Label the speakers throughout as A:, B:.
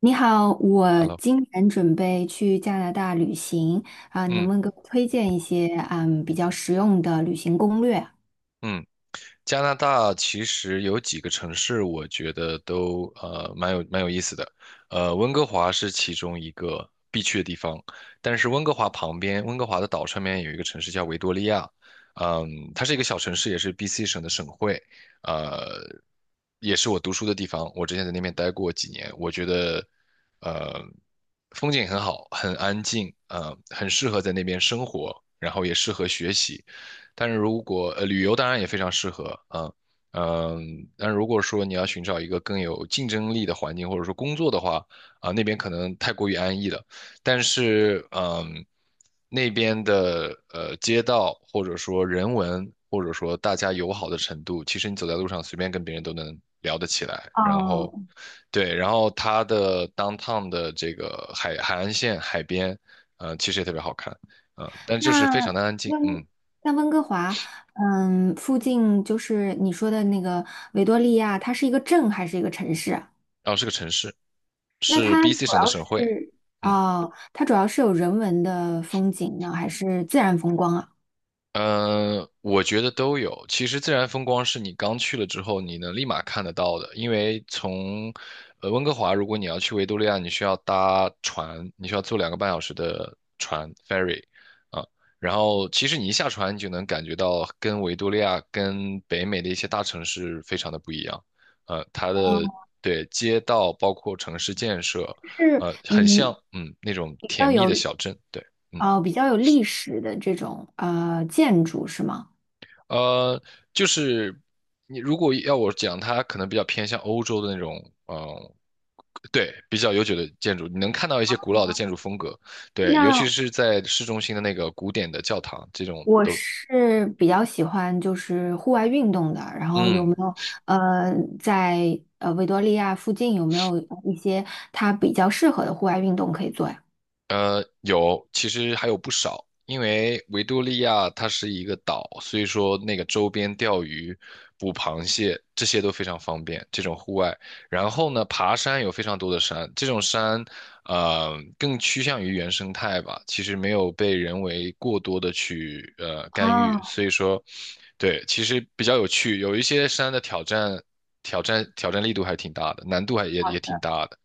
A: 你好，我
B: Hello，
A: 今年准备去加拿大旅行。能
B: 嗯
A: 不能给我推荐一些比较实用的旅行攻略？
B: 嗯，加拿大其实有几个城市，我觉得都蛮有意思的，温哥华是其中一个必去的地方，但是温哥华旁边，温哥华的岛上面有一个城市叫维多利亚，嗯，它是一个小城市，也是 BC 省的省会，呃，也是我读书的地方，我之前在那边待过几年，我觉得呃风景很好，很安静，很适合在那边生活，然后也适合学习。但是如果旅游当然也非常适合，啊，嗯，但如果说你要寻找一个更有竞争力的环境，或者说工作的话，啊、那边可能太过于安逸了。但是嗯，那边的街道或者说人文或者说大家友好的程度，其实你走在路上随便跟别人都能聊得起来，然后。
A: 哦，
B: 对，然后它的 downtown 的这个海岸线海边，其实也特别好看，但就是
A: 那
B: 非常的安静，嗯。
A: 温那温哥华，嗯，附近就是你说的那个维多利亚，它是一个镇还是一个城市啊？
B: 然后是个城市，
A: 那
B: 是
A: 它
B: BC
A: 主
B: 省的
A: 要
B: 省会。
A: 是
B: 嗯，
A: 哦，它主要是有人文的风景呢，还是自然风光啊？
B: 嗯，我觉得都有。其实自然风光是你刚去了之后，你能立马看得到的，因为从温哥华，如果你要去维多利亚，你需要搭船，你需要坐2个半小时的船 ferry 啊。然后其实你一下船，你就能感觉到跟维多利亚、跟北美的一些大城市非常的不一样。呃，它的
A: 哦，
B: 对街道包括城市建设，
A: 是
B: 呃，很
A: 嗯
B: 像嗯那种
A: 比
B: 甜
A: 较
B: 蜜
A: 有
B: 的小镇，对。嗯。
A: 哦比较有历史的这种建筑是吗？
B: 呃，就是你如果要我讲，它可能比较偏向欧洲的那种，嗯、对，比较悠久的建筑，你能看到一些古老的建筑风格，对，尤其
A: 那
B: 是在市中心的那个古典的教堂，这种
A: 我
B: 都，
A: 是比较喜欢就是户外运动的，然后有没
B: 嗯，
A: 有呃在呃维多利亚附近有没有一些它比较适合的户外运动可以做呀？
B: 呃，有，其实还有不少，因为维多利亚它是一个岛，所以说那个周边钓鱼、捕螃蟹这些都非常方便，这种户外。然后呢，爬山有非常多的山，这种山，呃，更趋向于原生态吧，其实没有被人为过多的去干预，
A: 哦，
B: 所以说，对，其实比较有趣，有一些山的挑战力度还挺大的，难度还也
A: 好
B: 也挺
A: 的。
B: 大的，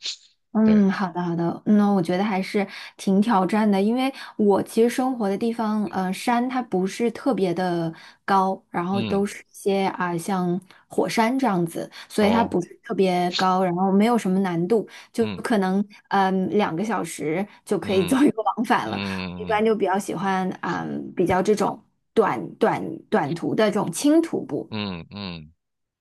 B: 对，
A: 嗯，好的，那我觉得还是挺挑战的，因为我其实生活的地方，山它不是特别的高，然后
B: 嗯，
A: 都是一些像火山这样子，所以它
B: 哦。
A: 不是特别高，然后没有什么难度，就
B: 嗯。
A: 可能两个小时就可以
B: 嗯
A: 做一个往返了。我一
B: 嗯
A: 般就比较喜欢比较这种短短短途的这种轻徒步。
B: 嗯嗯，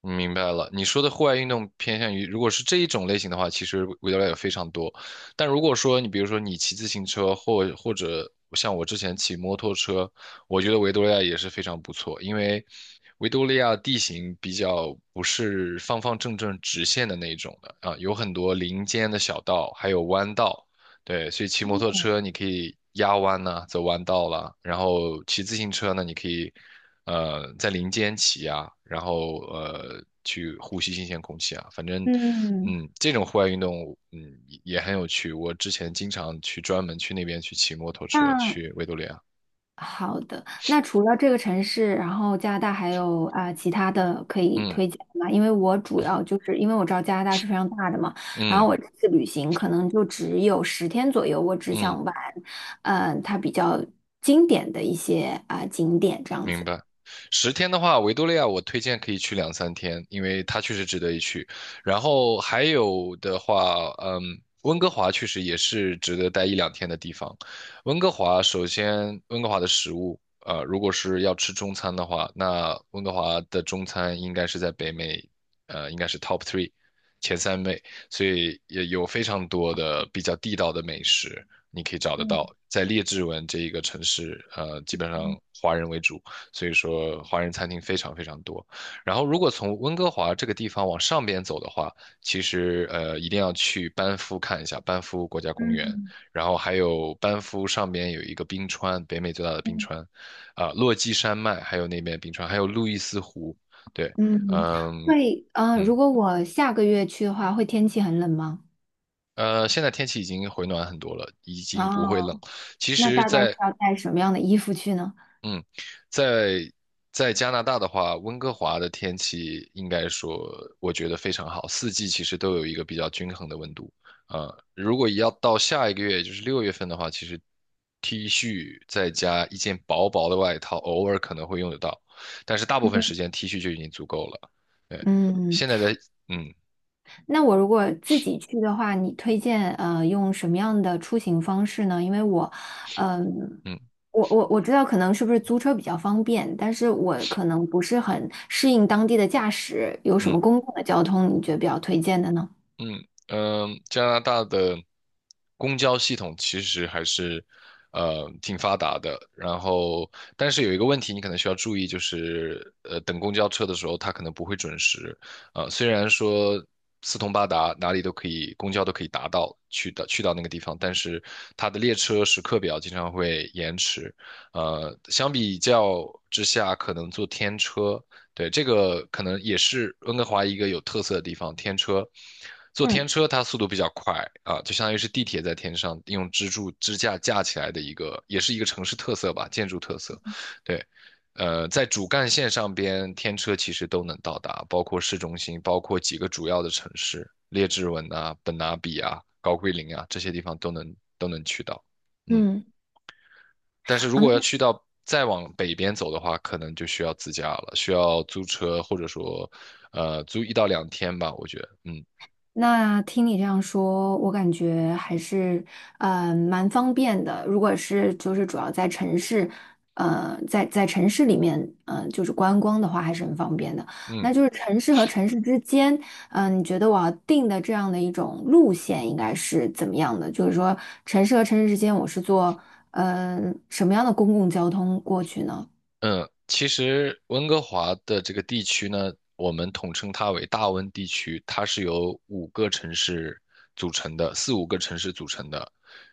B: 明白了。你说的户外运动偏向于，如果是这一种类型的话，其实维利亚也非常多。但如果说你比如说你骑自行车，或者像我之前骑摩托车，我觉得维多利亚也是非常不错，因为维多利亚地形比较不是方方正正直线的那一种的啊，有很多林间的小道，还有弯道。对，所以骑摩托车你可以压弯呐、走弯道啦，然后骑自行车呢，你可以。呃，在林间骑啊，然后去呼吸新鲜空气啊，反正，
A: 嗯，
B: 嗯，这种户外运动，嗯，也很有趣。我之前经常去专门去那边去骑摩托车
A: 那。
B: 去维多利亚，
A: 好的，那除了这个城市，然后加拿大还有其他的可以
B: 嗯
A: 推荐的吗？因为我主要就是因为我知道加拿大是非常大的嘛，然
B: 嗯
A: 后我这次旅行可能就只有十天左右，我只
B: 嗯。
A: 想玩，嗯，它比较经典的一些景点这样
B: 明
A: 子。
B: 白。十天的话，维多利亚我推荐可以去2、3天，因为它确实值得一去。然后还有的话，嗯，温哥华确实也是值得待1、2天的地方。温哥华首先，温哥华的食物，呃，如果是要吃中餐的话，那温哥华的中餐应该是在北美，呃，应该是 top three 前三位，所以也有非常多的比较地道的美食，你可以找得到。在列治文这一个城市，呃，基本上华人为主。所以说华人餐厅非常非常多。然后如果从温哥华这个地方往上边走的话，其实一定要去班夫看一下班夫国家公园，然后还有班夫上边有一个冰川，北美最大的冰川，啊、落基山脉，还有那边冰川，还有路易斯湖，对，
A: 嗯，
B: 嗯
A: 会，
B: 嗯。
A: 如果我下个月去的话，会天气很冷吗？
B: 呃，现在天气已经回暖很多了，已经不会冷。
A: 哦，
B: 其
A: 那
B: 实，
A: 大概是
B: 在
A: 要带什么样的衣服去呢？
B: 嗯，在在加拿大的话，温哥华的天气应该说，我觉得非常好，四季其实都有一个比较均衡的温度。啊、如果要到下一个月，也就是6月份的话，其实 T 恤再加一件薄薄的外套，偶尔可能会用得到，但是大部分时间 T 恤就已经足够了。对，
A: 嗯
B: 现在
A: 嗯。
B: 在，嗯
A: 那我如果自己去的话，你推荐用什么样的出行方式呢？因为我，嗯、
B: 嗯
A: 我知道可能是不是租车比较方便，但是我可能不是很适应当地的驾驶，有什
B: 嗯。
A: 么公共的交通你觉得比较推荐的呢？
B: 嗯嗯、加拿大的公交系统其实还是挺发达的，然后但是有一个问题你可能需要注意，就是等公交车的时候，它可能不会准时。呃，虽然说四通八达，哪里都可以，公交都可以达到去到那个地方，但是它的列车时刻表经常会延迟。呃，相比较之下，可能坐天车对，这个可能也是温哥华一个有特色的地方。天车，坐天
A: 嗯
B: 车它速度比较快啊，就相当于是地铁在天上用支柱支架架起来的一个，也是一个城市特色吧，建筑特色。对，呃，在主干线上边，天车其实都能到达，包括市中心，包括几个主要的城市，列治文啊、本拿比啊、高桂林啊这些地方都能去到。嗯，
A: 嗯。
B: 但是如
A: 好那。
B: 果要去到再往北边走的话，可能就需要自驾了，需要租车或者说，呃，租1到2天吧，我觉得，嗯
A: 那听你这样说，我感觉还是蛮方便的。如果是就是主要在城市，呃，在城市里面，嗯，就是观光的话，还是很方便的。
B: 嗯。
A: 那就是城市和城市之间，你觉得我要定的这样的一种路线应该是怎么样的？就是说，城市和城市之间，我是坐什么样的公共交通过去呢？
B: 嗯，其实温哥华的这个地区呢，我们统称它为大温地区，它是由五个城市组成的，4、5个城市组成的。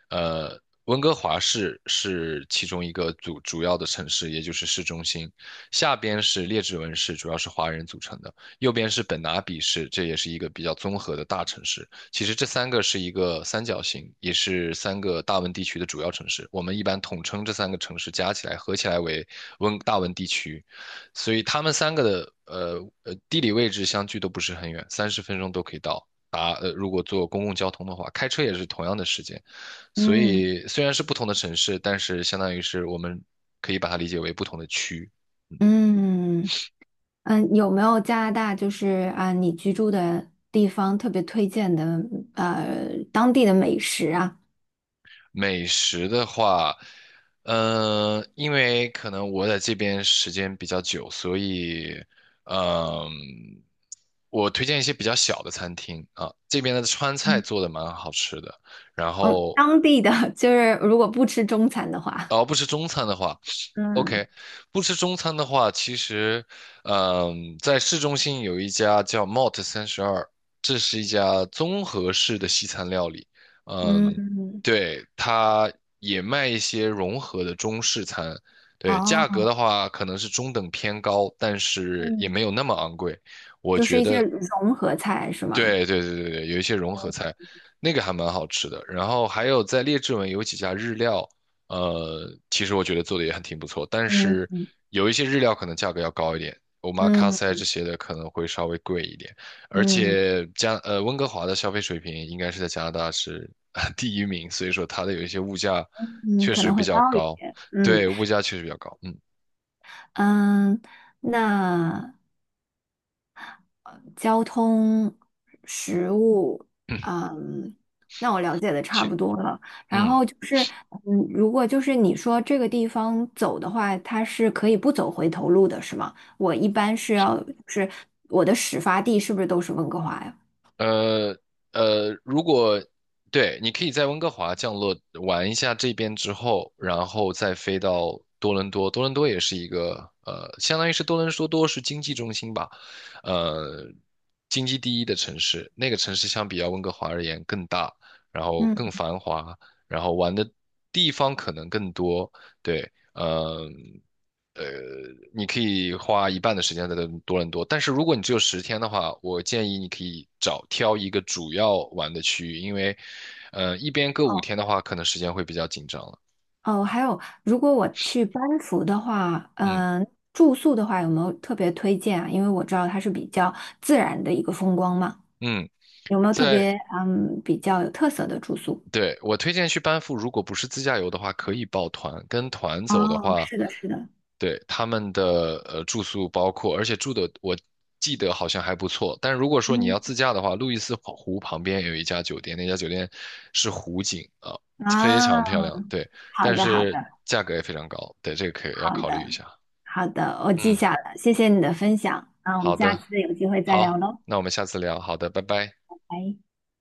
B: 呃，温哥华市是其中一个主要的城市，也就是市中心。下边是列治文市，主要是华人组成的；右边是本拿比市，这也是一个比较综合的大城市。其实这三个是一个三角形，也是三个大温地区的主要城市。我们一般统称这三个城市加起来合起来为大温地区，所以他们三个的地理位置相距都不是很远，30分钟都可以到。如果坐公共交通的话，开车也是同样的时间。所
A: 嗯。
B: 以虽然是不同的城市，但是相当于是我们可以把它理解为不同的区。
A: 嗯。嗯，有没有加拿大就是啊，你居住的地方特别推荐的当地的美食啊？
B: 美食的话，嗯、因为可能我在这边时间比较久，所以，嗯、我推荐一些比较小的餐厅啊。这边的川菜
A: 嗯
B: 做的蛮好吃的，然
A: 嗯，
B: 后，
A: 当地的 就是如果不吃中餐的话，
B: 而不吃中餐的话。
A: 嗯
B: OK,不吃中餐的话，其实，嗯，在市中心有一家叫 Mott 32，这是一家综合式的西餐料理。嗯，
A: 嗯，
B: 对，它也卖一些融合的中式餐。对，价格
A: 哦，
B: 的话可能是中等偏高，但是也
A: 嗯
B: 没有那么昂贵。我
A: 就是
B: 觉
A: 一些
B: 得
A: 融合菜是吗？
B: 对对对对对，有一些融合
A: 哦
B: 菜，那个还蛮好吃的。然后还有在列治文有几家日料，呃，其实我觉得做的也还挺不错，但
A: 嗯
B: 是
A: 嗯
B: 有一些日料可能价格要高一点，omakase
A: 嗯
B: 这些的可能会稍微贵一点。而
A: 嗯
B: 且加呃温哥华的消费水平应该是在加拿大是 第1名，所以说它的有一些物价
A: 嗯，
B: 确
A: 可
B: 实
A: 能
B: 比
A: 会
B: 较
A: 高一
B: 高，
A: 些。嗯
B: 对，物价确实比较高。嗯，
A: 嗯，那。交通、食物，
B: 嗯，
A: 嗯，那我了解的差
B: 其
A: 不多了。然
B: 嗯。
A: 后就是，嗯，如果就是你说这个地方走的话，它是可以不走回头路的，是吗？我一般是要，是我的始发地是不是都是温哥华呀？
B: 呃如果对，你可以在温哥华降落玩一下这边之后，然后再飞到多伦多。多伦多也是一个呃，相当于是多伦多是经济中心吧，呃，经济第一的城市。那个城市相比较温哥华而言更大，然后更
A: 嗯，
B: 繁华，然后玩的地方可能更多。对，嗯。呃，你可以花一半的时间在多伦多，但是如果你只有十天的话，我建议你可以找挑一个主要玩的区域，因为，呃，一边各五
A: 哦
B: 天的话，可能时间会比较紧张了。
A: 哦，还有，如果我去班夫的话，
B: 嗯
A: 住宿的话有没有特别推荐啊？因为我知道它是比较自然的一个风光嘛，
B: 嗯，
A: 有没有特
B: 在
A: 别比较有特色的住宿？
B: 对，我推荐去班夫，如果不是自驾游的话，可以报团。跟团走的
A: 哦，
B: 话，
A: 是的，是的，
B: 对，他们的呃住宿包括，而且住的我记得好像还不错。但如果说你
A: 嗯，
B: 要自驾的话，路易斯湖旁边有一家酒店，那家酒店是湖景啊，非常漂
A: 啊，
B: 亮。对，
A: 好
B: 但
A: 的，好
B: 是
A: 的，
B: 价格也非常高。对，这个可以要
A: 好
B: 考虑一
A: 的，
B: 下。
A: 好的，我记
B: 嗯，
A: 下了，谢谢你的分享，那我
B: 好
A: 们下
B: 的，
A: 次有机会再聊
B: 好，
A: 喽，
B: 那我们下次聊。好的，拜拜。
A: 拜。